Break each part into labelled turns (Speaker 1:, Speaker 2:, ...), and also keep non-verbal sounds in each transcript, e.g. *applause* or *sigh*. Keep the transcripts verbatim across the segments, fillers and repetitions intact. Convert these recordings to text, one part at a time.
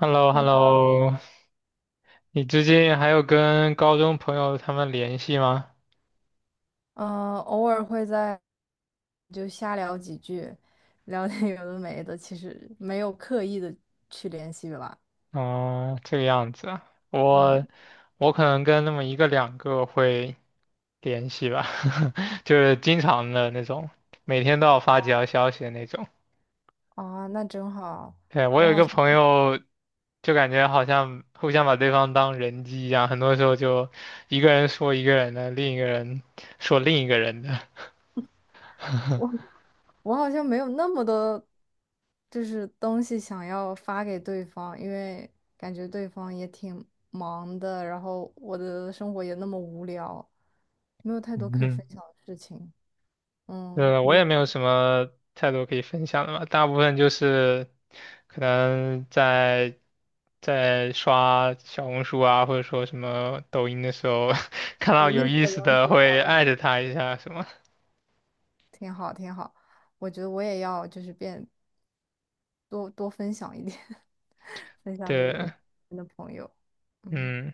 Speaker 1: h e l l o h e l
Speaker 2: 嗯，
Speaker 1: l o 你最近还有跟高中朋友他们联系吗？
Speaker 2: 偶尔会在就瞎聊几句，聊点有的没的，其实没有刻意的去联系吧。
Speaker 1: 哦，这个样子啊，
Speaker 2: 嗯，
Speaker 1: 我我可能跟那么一个两个会联系吧，*laughs* 就是经常的那种，每天都要发几条消息的那种。
Speaker 2: 啊，那真好。
Speaker 1: 对，我
Speaker 2: 我
Speaker 1: 有一
Speaker 2: 好
Speaker 1: 个
Speaker 2: 像
Speaker 1: 朋友，就感觉好像互相把对方当人机一样，很多时候就一个人说一个人的，另一个人说另一个人的。
Speaker 2: 我好像没有那么多，就是东西想要发给对方，因为感觉对方也挺忙的，然后我的生活也那么无聊，没有
Speaker 1: *laughs*
Speaker 2: 太多
Speaker 1: 嗯
Speaker 2: 可以
Speaker 1: 哼。
Speaker 2: 分享的事情。嗯，
Speaker 1: 呃，我
Speaker 2: 你
Speaker 1: 也没有什么太多可以分享的嘛，大部分就是可能在在刷小红书啊，或者说什么抖音的时候，*laughs* 看到
Speaker 2: 有
Speaker 1: 有
Speaker 2: 意思
Speaker 1: 意
Speaker 2: 的
Speaker 1: 思
Speaker 2: 东西
Speaker 1: 的
Speaker 2: 找
Speaker 1: 会
Speaker 2: 到
Speaker 1: 艾特他一下什么。
Speaker 2: 挺好，挺好。我觉得我也要就是变多多分享一点，*laughs* 分享给
Speaker 1: 对，
Speaker 2: 你的朋友。嗯，
Speaker 1: 嗯，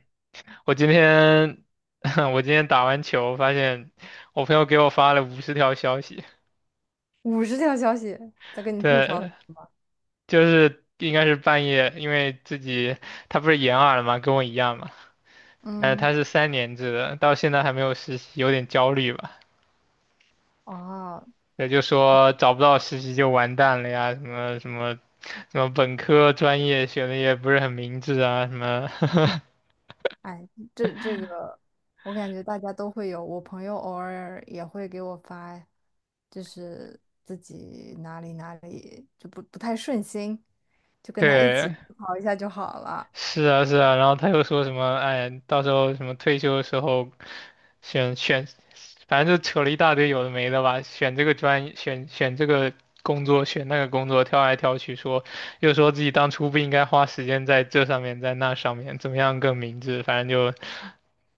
Speaker 1: 我今天 *laughs* 我今天打完球，发现我朋友给我发了五十条消息。
Speaker 2: 五十条消息在跟你吐槽什
Speaker 1: 对，
Speaker 2: 么？
Speaker 1: 就是应该是半夜，因为自己他不是延二了嘛，跟我一样嘛。哎，
Speaker 2: 嗯，
Speaker 1: 他是三年制的，到现在还没有实习，有点焦虑吧？
Speaker 2: 哦，
Speaker 1: 也就说找不到实习就完蛋了呀，什么什么什么本科专业选的也不是很明智啊，什么，
Speaker 2: 哎，这这个我感觉大家都会有，我朋友偶尔也会给我发，就是自己哪里哪里就不不太顺心，就
Speaker 1: *laughs*
Speaker 2: 跟他一起
Speaker 1: 对，
Speaker 2: 吐槽一下就好了。
Speaker 1: 是啊，是啊，然后他又说什么，哎，到时候什么退休的时候选选，反正就扯了一大堆有的没的吧，选这个专业，选选这个工作，选那个工作，挑来挑去说，又说自己当初不应该花时间在这上面，在那上面，怎么样更明智，反正就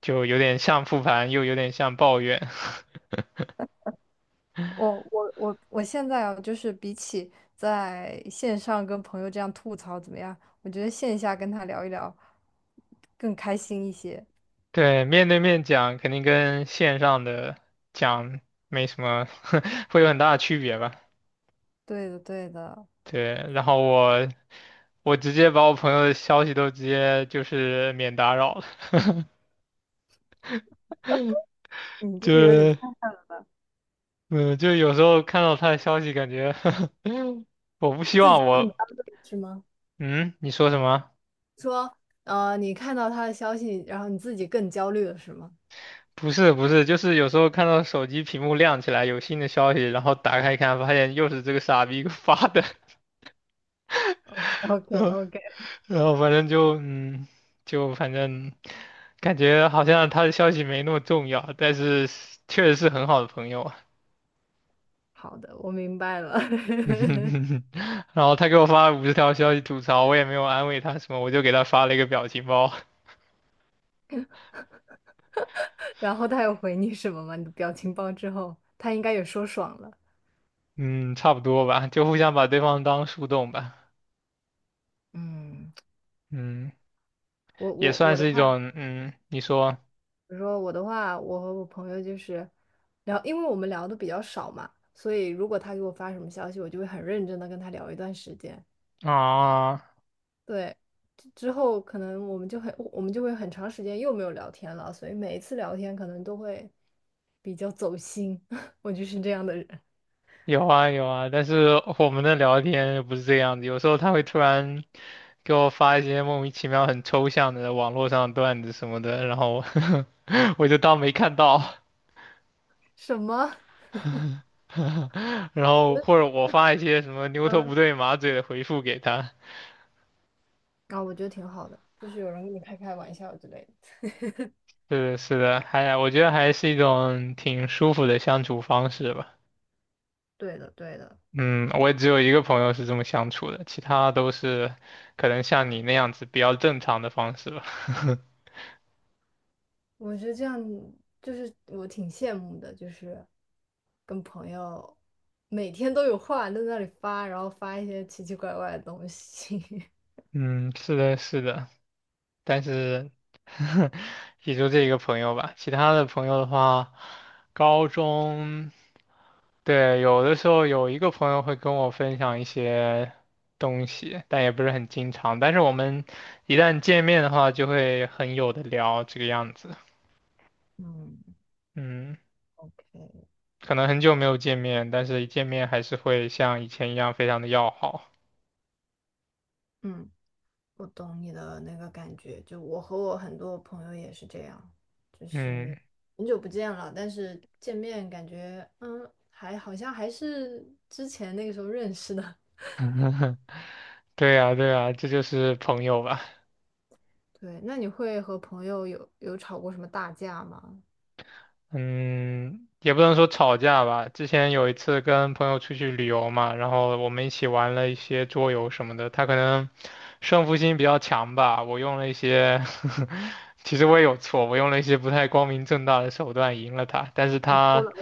Speaker 1: 就有点像复盘，又有点像抱怨。
Speaker 2: 我我我我现在啊，就是比起在线上跟朋友这样吐槽怎么样，我觉得线下跟他聊一聊更开心一些。
Speaker 1: *laughs* 对，面对面讲肯定跟线上的讲没什么，*laughs* 会有很大的区别吧。
Speaker 2: 对的，对的，
Speaker 1: 对，然后我我直接把我朋友的消息都直接就是免打扰了，
Speaker 2: 你
Speaker 1: *laughs*
Speaker 2: 这
Speaker 1: 就
Speaker 2: 个有点太
Speaker 1: 是
Speaker 2: *laughs*
Speaker 1: 嗯，就有时候看到他的消息，感觉 *laughs* 我不希
Speaker 2: 自己
Speaker 1: 望
Speaker 2: 更
Speaker 1: 我
Speaker 2: 端了，是吗？
Speaker 1: 嗯，你说什么？
Speaker 2: 说，呃，你看到他的消息，然后你自己更焦虑了，是吗？
Speaker 1: 不是不是，就是有时候看到手机屏幕亮起来有新的消息，然后打开一看，发现又是这个傻逼给我发的，*laughs*
Speaker 2: OK
Speaker 1: 然后
Speaker 2: OK，
Speaker 1: 然后反正就嗯，就反正感觉好像他的消息没那么重要，但是确实是很好的朋友。啊。
Speaker 2: 好的，我明白了。
Speaker 1: *laughs*
Speaker 2: *laughs*
Speaker 1: 然后他给我发了五十条消息吐槽，我也没有安慰他什么，我就给他发了一个表情包。
Speaker 2: 然后他有回你什么吗？你的表情包之后，他应该也说爽了。
Speaker 1: 嗯，差不多吧，就互相把对方当树洞吧。
Speaker 2: 嗯，
Speaker 1: 嗯，
Speaker 2: 我
Speaker 1: 也
Speaker 2: 我
Speaker 1: 算
Speaker 2: 我的
Speaker 1: 是一
Speaker 2: 话。
Speaker 1: 种，嗯，你说
Speaker 2: 比如说我的话，我和我朋友就是聊，因为我们聊的比较少嘛，所以如果他给我发什么消息，我就会很认真的跟他聊一段时间。
Speaker 1: 啊，
Speaker 2: 对，之之后可能我们就很，我们就会很长时间又没有聊天了，所以每一次聊天可能都会比较走心。*laughs* 我就是这样的人。
Speaker 1: 有啊有啊，但是我们的聊天又不是这样子，有时候他会突然给我发一些莫名其妙很抽象的网络上的段子什么的，然后 *laughs* 我就当没看到，
Speaker 2: 什么？
Speaker 1: *laughs* 然后或者我发一些什么牛头
Speaker 2: 嗯，
Speaker 1: 不对马嘴的回复给他。
Speaker 2: 啊，我觉得挺好的，就是有人跟你开开玩笑之类的。
Speaker 1: 是的是的，还我觉得还是一种挺舒服的相处方式吧。
Speaker 2: 对的，对的。
Speaker 1: 嗯，我也只有一个朋友是这么相处的，其他都是可能像你那样子比较正常的方式吧。*laughs*
Speaker 2: 我觉得这样就是我挺羡慕的，就是跟朋友每天都有话在那里发，然后发一些奇奇怪怪的东西。*laughs*
Speaker 1: 嗯，是的，是的。但是 *laughs* 也就这一个朋友吧，其他的朋友的话，高中，对，有的时候有一个朋友会跟我分享一些东西，但也不是很经常，但是我们一旦见面的话，就会很有的聊这个样子。
Speaker 2: 嗯
Speaker 1: 嗯，
Speaker 2: o
Speaker 1: 可能很久没有见面，但是一见面还是会像以前一样非常的要好。
Speaker 2: 嗯我懂你的那个感觉，就我和我很多朋友也是这样，
Speaker 1: 嗯，
Speaker 2: 很久不见了，但是见面感觉嗯，还好像还是之前那个时候认识的。
Speaker 1: *laughs* 对呀，对呀，这就是朋友吧。
Speaker 2: *laughs* 对，那你会和朋友有有吵过什么大架吗？
Speaker 1: 嗯，也不能说吵架吧。之前有一次跟朋友出去旅游嘛，然后我们一起玩了一些桌游什么的。他可能胜负心比较强吧，我用了一些，*laughs* 其实我也有错，我用了一些不太光明正大的手段赢了他。但是
Speaker 2: *laughs*
Speaker 1: 他，
Speaker 2: 了。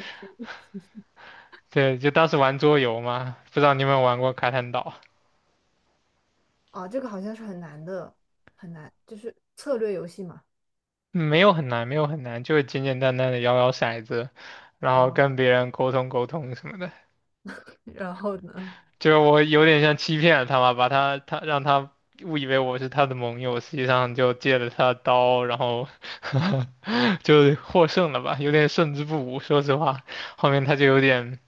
Speaker 1: 对，就当时玩桌游嘛，不知道你有没有玩过卡坦岛？
Speaker 2: 哦，这个好像是很难的，很难，就是策略游戏嘛。
Speaker 1: 嗯没有很难，没有很难，就是简简单单的摇摇骰子，然后
Speaker 2: 哦，
Speaker 1: 跟别人沟通沟通什么的。
Speaker 2: 然后呢，
Speaker 1: 就是我有点像欺骗了他嘛，把他他让他误以为我是他的盟友，实际上就借了他的刀，然后 *laughs* 就获胜了吧，有点胜之不武。说实话，后面他就有点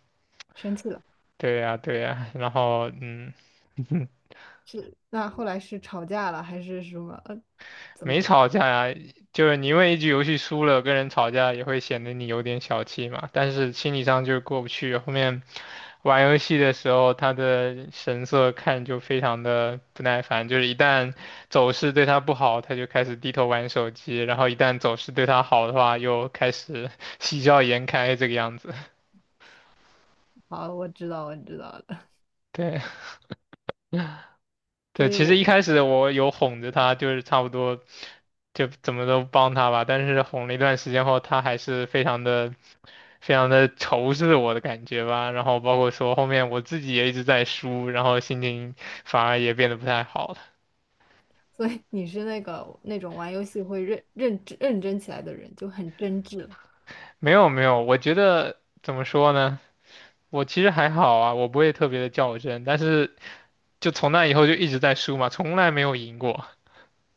Speaker 2: 生气了，
Speaker 1: 对呀、对呀、然后嗯，*laughs*
Speaker 2: 是，那后来是吵架了还是什么？呃，怎么
Speaker 1: 没
Speaker 2: 了？
Speaker 1: 吵架呀，就是你因为一局游戏输了跟人吵架，也会显得你有点小气嘛。但是心理上就是过不去。后面玩游戏的时候，他的神色看就非常的不耐烦，就是一旦走势对他不好，他就开始低头玩手机；然后一旦走势对他好的话，又开始 *laughs* 喜笑颜开这个样子。
Speaker 2: 好，我知道，我知道了。*laughs*
Speaker 1: 对对，
Speaker 2: 所以
Speaker 1: 其实
Speaker 2: 我，
Speaker 1: 一开始我有哄着他，就是差不多。就怎么都帮他吧，但是哄了一段时间后，他还是非常的非常的仇视我的感觉吧。然后包括说后面我自己也一直在输，然后心情反而也变得不太好了。
Speaker 2: 所以你是那个那种玩游戏会认认真认真起来的人，就很真挚
Speaker 1: 没有没有，我觉得怎么说呢？我其实还好啊，我不会特别的较真，但是就从那以后就一直在输嘛，从来没有赢过。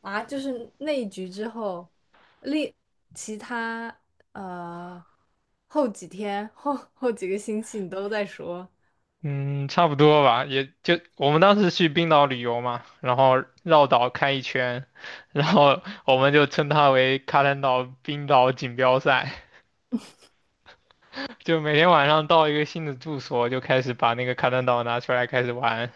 Speaker 2: 啊。就是那一局之后，另其他呃后几天后后几个星期你都在说。
Speaker 1: 嗯，差不多吧，也就我们当时去冰岛旅游嘛，然后绕岛开一圈，然后我们就称它为卡坦岛冰岛锦标赛。就每天晚上到一个新的住所，就开始把那个卡坦岛拿出来开始玩。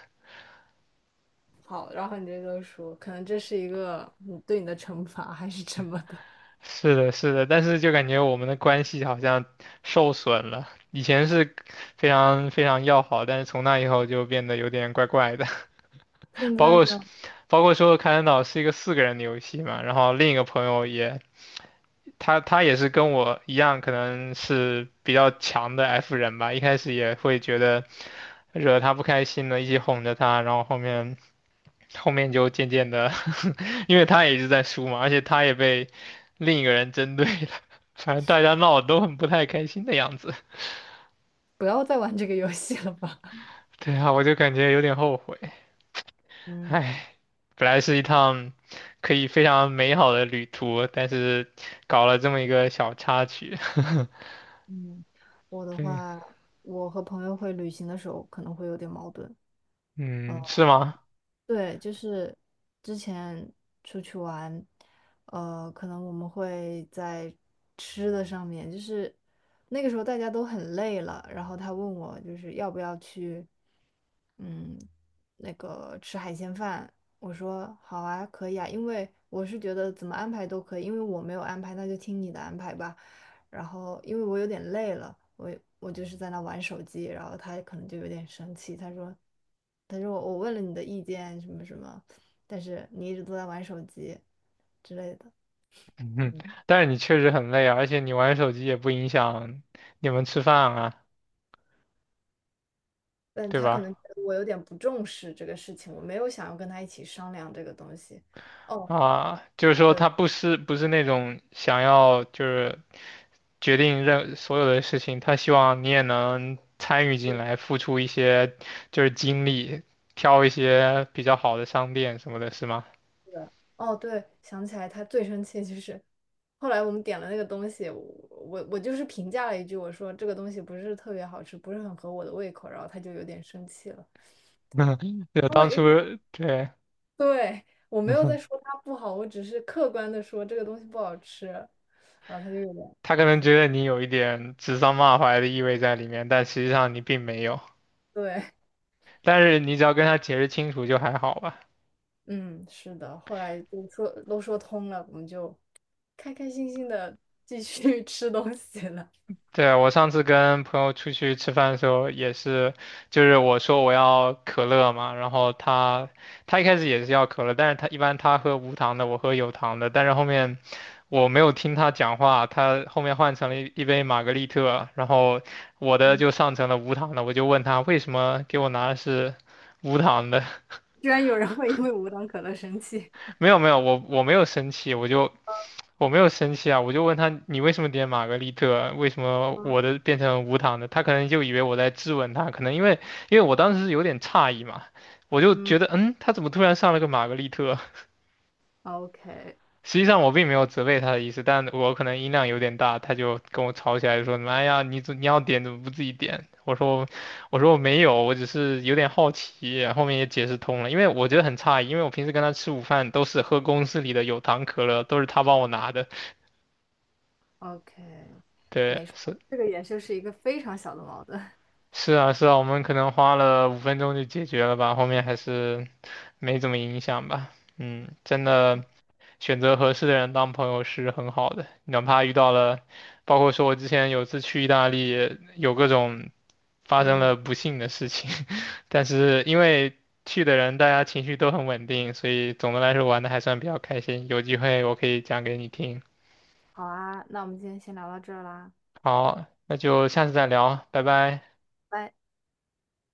Speaker 2: 好，然后你这就说，可能这是一个你对你的惩罚还是什么的。
Speaker 1: 是的，是的，但是就感觉我们的关系好像受损了。以前是非常非常要好，但是从那以后就变得有点怪怪的。
Speaker 2: *laughs*
Speaker 1: *laughs*
Speaker 2: 现
Speaker 1: 包
Speaker 2: 在
Speaker 1: 括是
Speaker 2: 呢，
Speaker 1: 包括说卡坦岛是一个四个人的游戏嘛，然后另一个朋友也他他也是跟我一样，可能是比较强的 F 人吧，一开始也会觉得。惹他不开心的，一起哄着他，然后后面后面就渐渐的因为他也一直在输嘛，而且他也被另一个人针对了，*laughs* 反正大家闹得都很不太开心的样子。
Speaker 2: 不要再玩这个游戏了吧。*laughs*
Speaker 1: *laughs* 对啊，我就感觉有点后悔，
Speaker 2: 嗯
Speaker 1: 唉，本来是一趟可以非常美好的旅途，但是搞了这么一个小插曲，*laughs*
Speaker 2: 嗯，我的话，我和朋友会旅行的时候可能会有点矛盾。
Speaker 1: 嗯，是吗？
Speaker 2: 对，就是之前出去玩，呃，可能我们会在吃的上面，就是那个时候大家都很累了，然后他问我就是要不要去，嗯，那个吃海鲜饭，我说好啊，可以啊，因为我是觉得怎么安排都可以，因为我没有安排，那就听你的安排吧。然后因为我有点累了，我我就是在那玩手机，然后他可能就有点生气，他说，他说我问了你的意见什么什么，但是你一直都在玩手机之类的，
Speaker 1: *laughs* 嗯，但是你确实很累啊，而且你玩手机也不影响你们吃饭啊，
Speaker 2: 但
Speaker 1: 对
Speaker 2: 他可能
Speaker 1: 吧？
Speaker 2: 觉得我有点不重视这个事情，我没有想要跟他一起商量这个东西。哦，
Speaker 1: 啊，就是说
Speaker 2: 对，
Speaker 1: 他不是不是那种想要就是决定任所有的事情，他希望你也能参与进来，付出一些就是精力，挑一些比较好的商店什么的，是吗？
Speaker 2: 是的，哦，对，想起来他最生气就是。后来我们点了那个东西，我我我就是评价了一句，我说这个东西不是特别好吃，不是很合我的胃口，然后他就有点生气了。
Speaker 1: *laughs* 就当
Speaker 2: 因
Speaker 1: 初
Speaker 2: 为
Speaker 1: 对
Speaker 2: 对，我没有在说它不好，我只是客观的说这个东西不好吃，然后他就有点，
Speaker 1: 他可能觉得你有一点指桑骂槐的意味在里面，但实际上你并没有。
Speaker 2: 对，
Speaker 1: 但是你只要跟他解释清楚就还好吧。
Speaker 2: 嗯，是的，后来就说都说通了，我们就开开心心的继续 *laughs* 吃东西了。
Speaker 1: 对啊，我上次跟朋友出去吃饭的时候也是，就是我说我要可乐嘛，然后他他一开始也是要可乐，但是他一般他喝无糖的，我喝有糖的，但是后面我没有听他讲话，他后面换成了一一杯玛格丽特，然后我的就上成了无糖的，我就问他为什么给我拿的是无糖的，*laughs*
Speaker 2: 居然有人会因为无糖可乐生气，
Speaker 1: 没有没有，我我没有生气，我就我没有生气啊，我就问他你为什么点玛格丽特，为什么
Speaker 2: 嗯
Speaker 1: 我的变成无糖的？他可能就以为我在质问他，可能因为因为我当时是有点诧异嘛，我就
Speaker 2: 嗯
Speaker 1: 觉得嗯，他怎么突然上了个玛格丽特？*laughs*
Speaker 2: ，OK
Speaker 1: 实际上我并没有责备他的意思，但我可能音量有点大，他就跟我吵起来说妈哎呀，你怎你要点怎么不自己点？我说我说我没有，我只是有点好奇，后面也解释通了，因为我觉得很诧异，因为我平时跟他吃午饭都是喝公司里的有糖可乐，都是他帮我拿的，
Speaker 2: OK，
Speaker 1: 对，
Speaker 2: 没事儿
Speaker 1: 是。
Speaker 2: 这个也就是一个非常小的矛盾。*laughs*
Speaker 1: 是啊，是啊，我们可能花了五分钟就解决了吧，后面还是没怎么影响吧。嗯，真的选择合适的人当朋友是很好的，哪怕遇到了，包括说我之前有次去意大利，有各种发生
Speaker 2: 嗯，
Speaker 1: 了不幸的事情，*laughs* 但是因为去的人大家情绪都很稳定，所以总的来说玩的还算比较开心。有机会我可以讲给你听。
Speaker 2: 好啊，那我们今天先聊到这儿啦。
Speaker 1: 好，那就下次再聊，拜拜。
Speaker 2: 拜。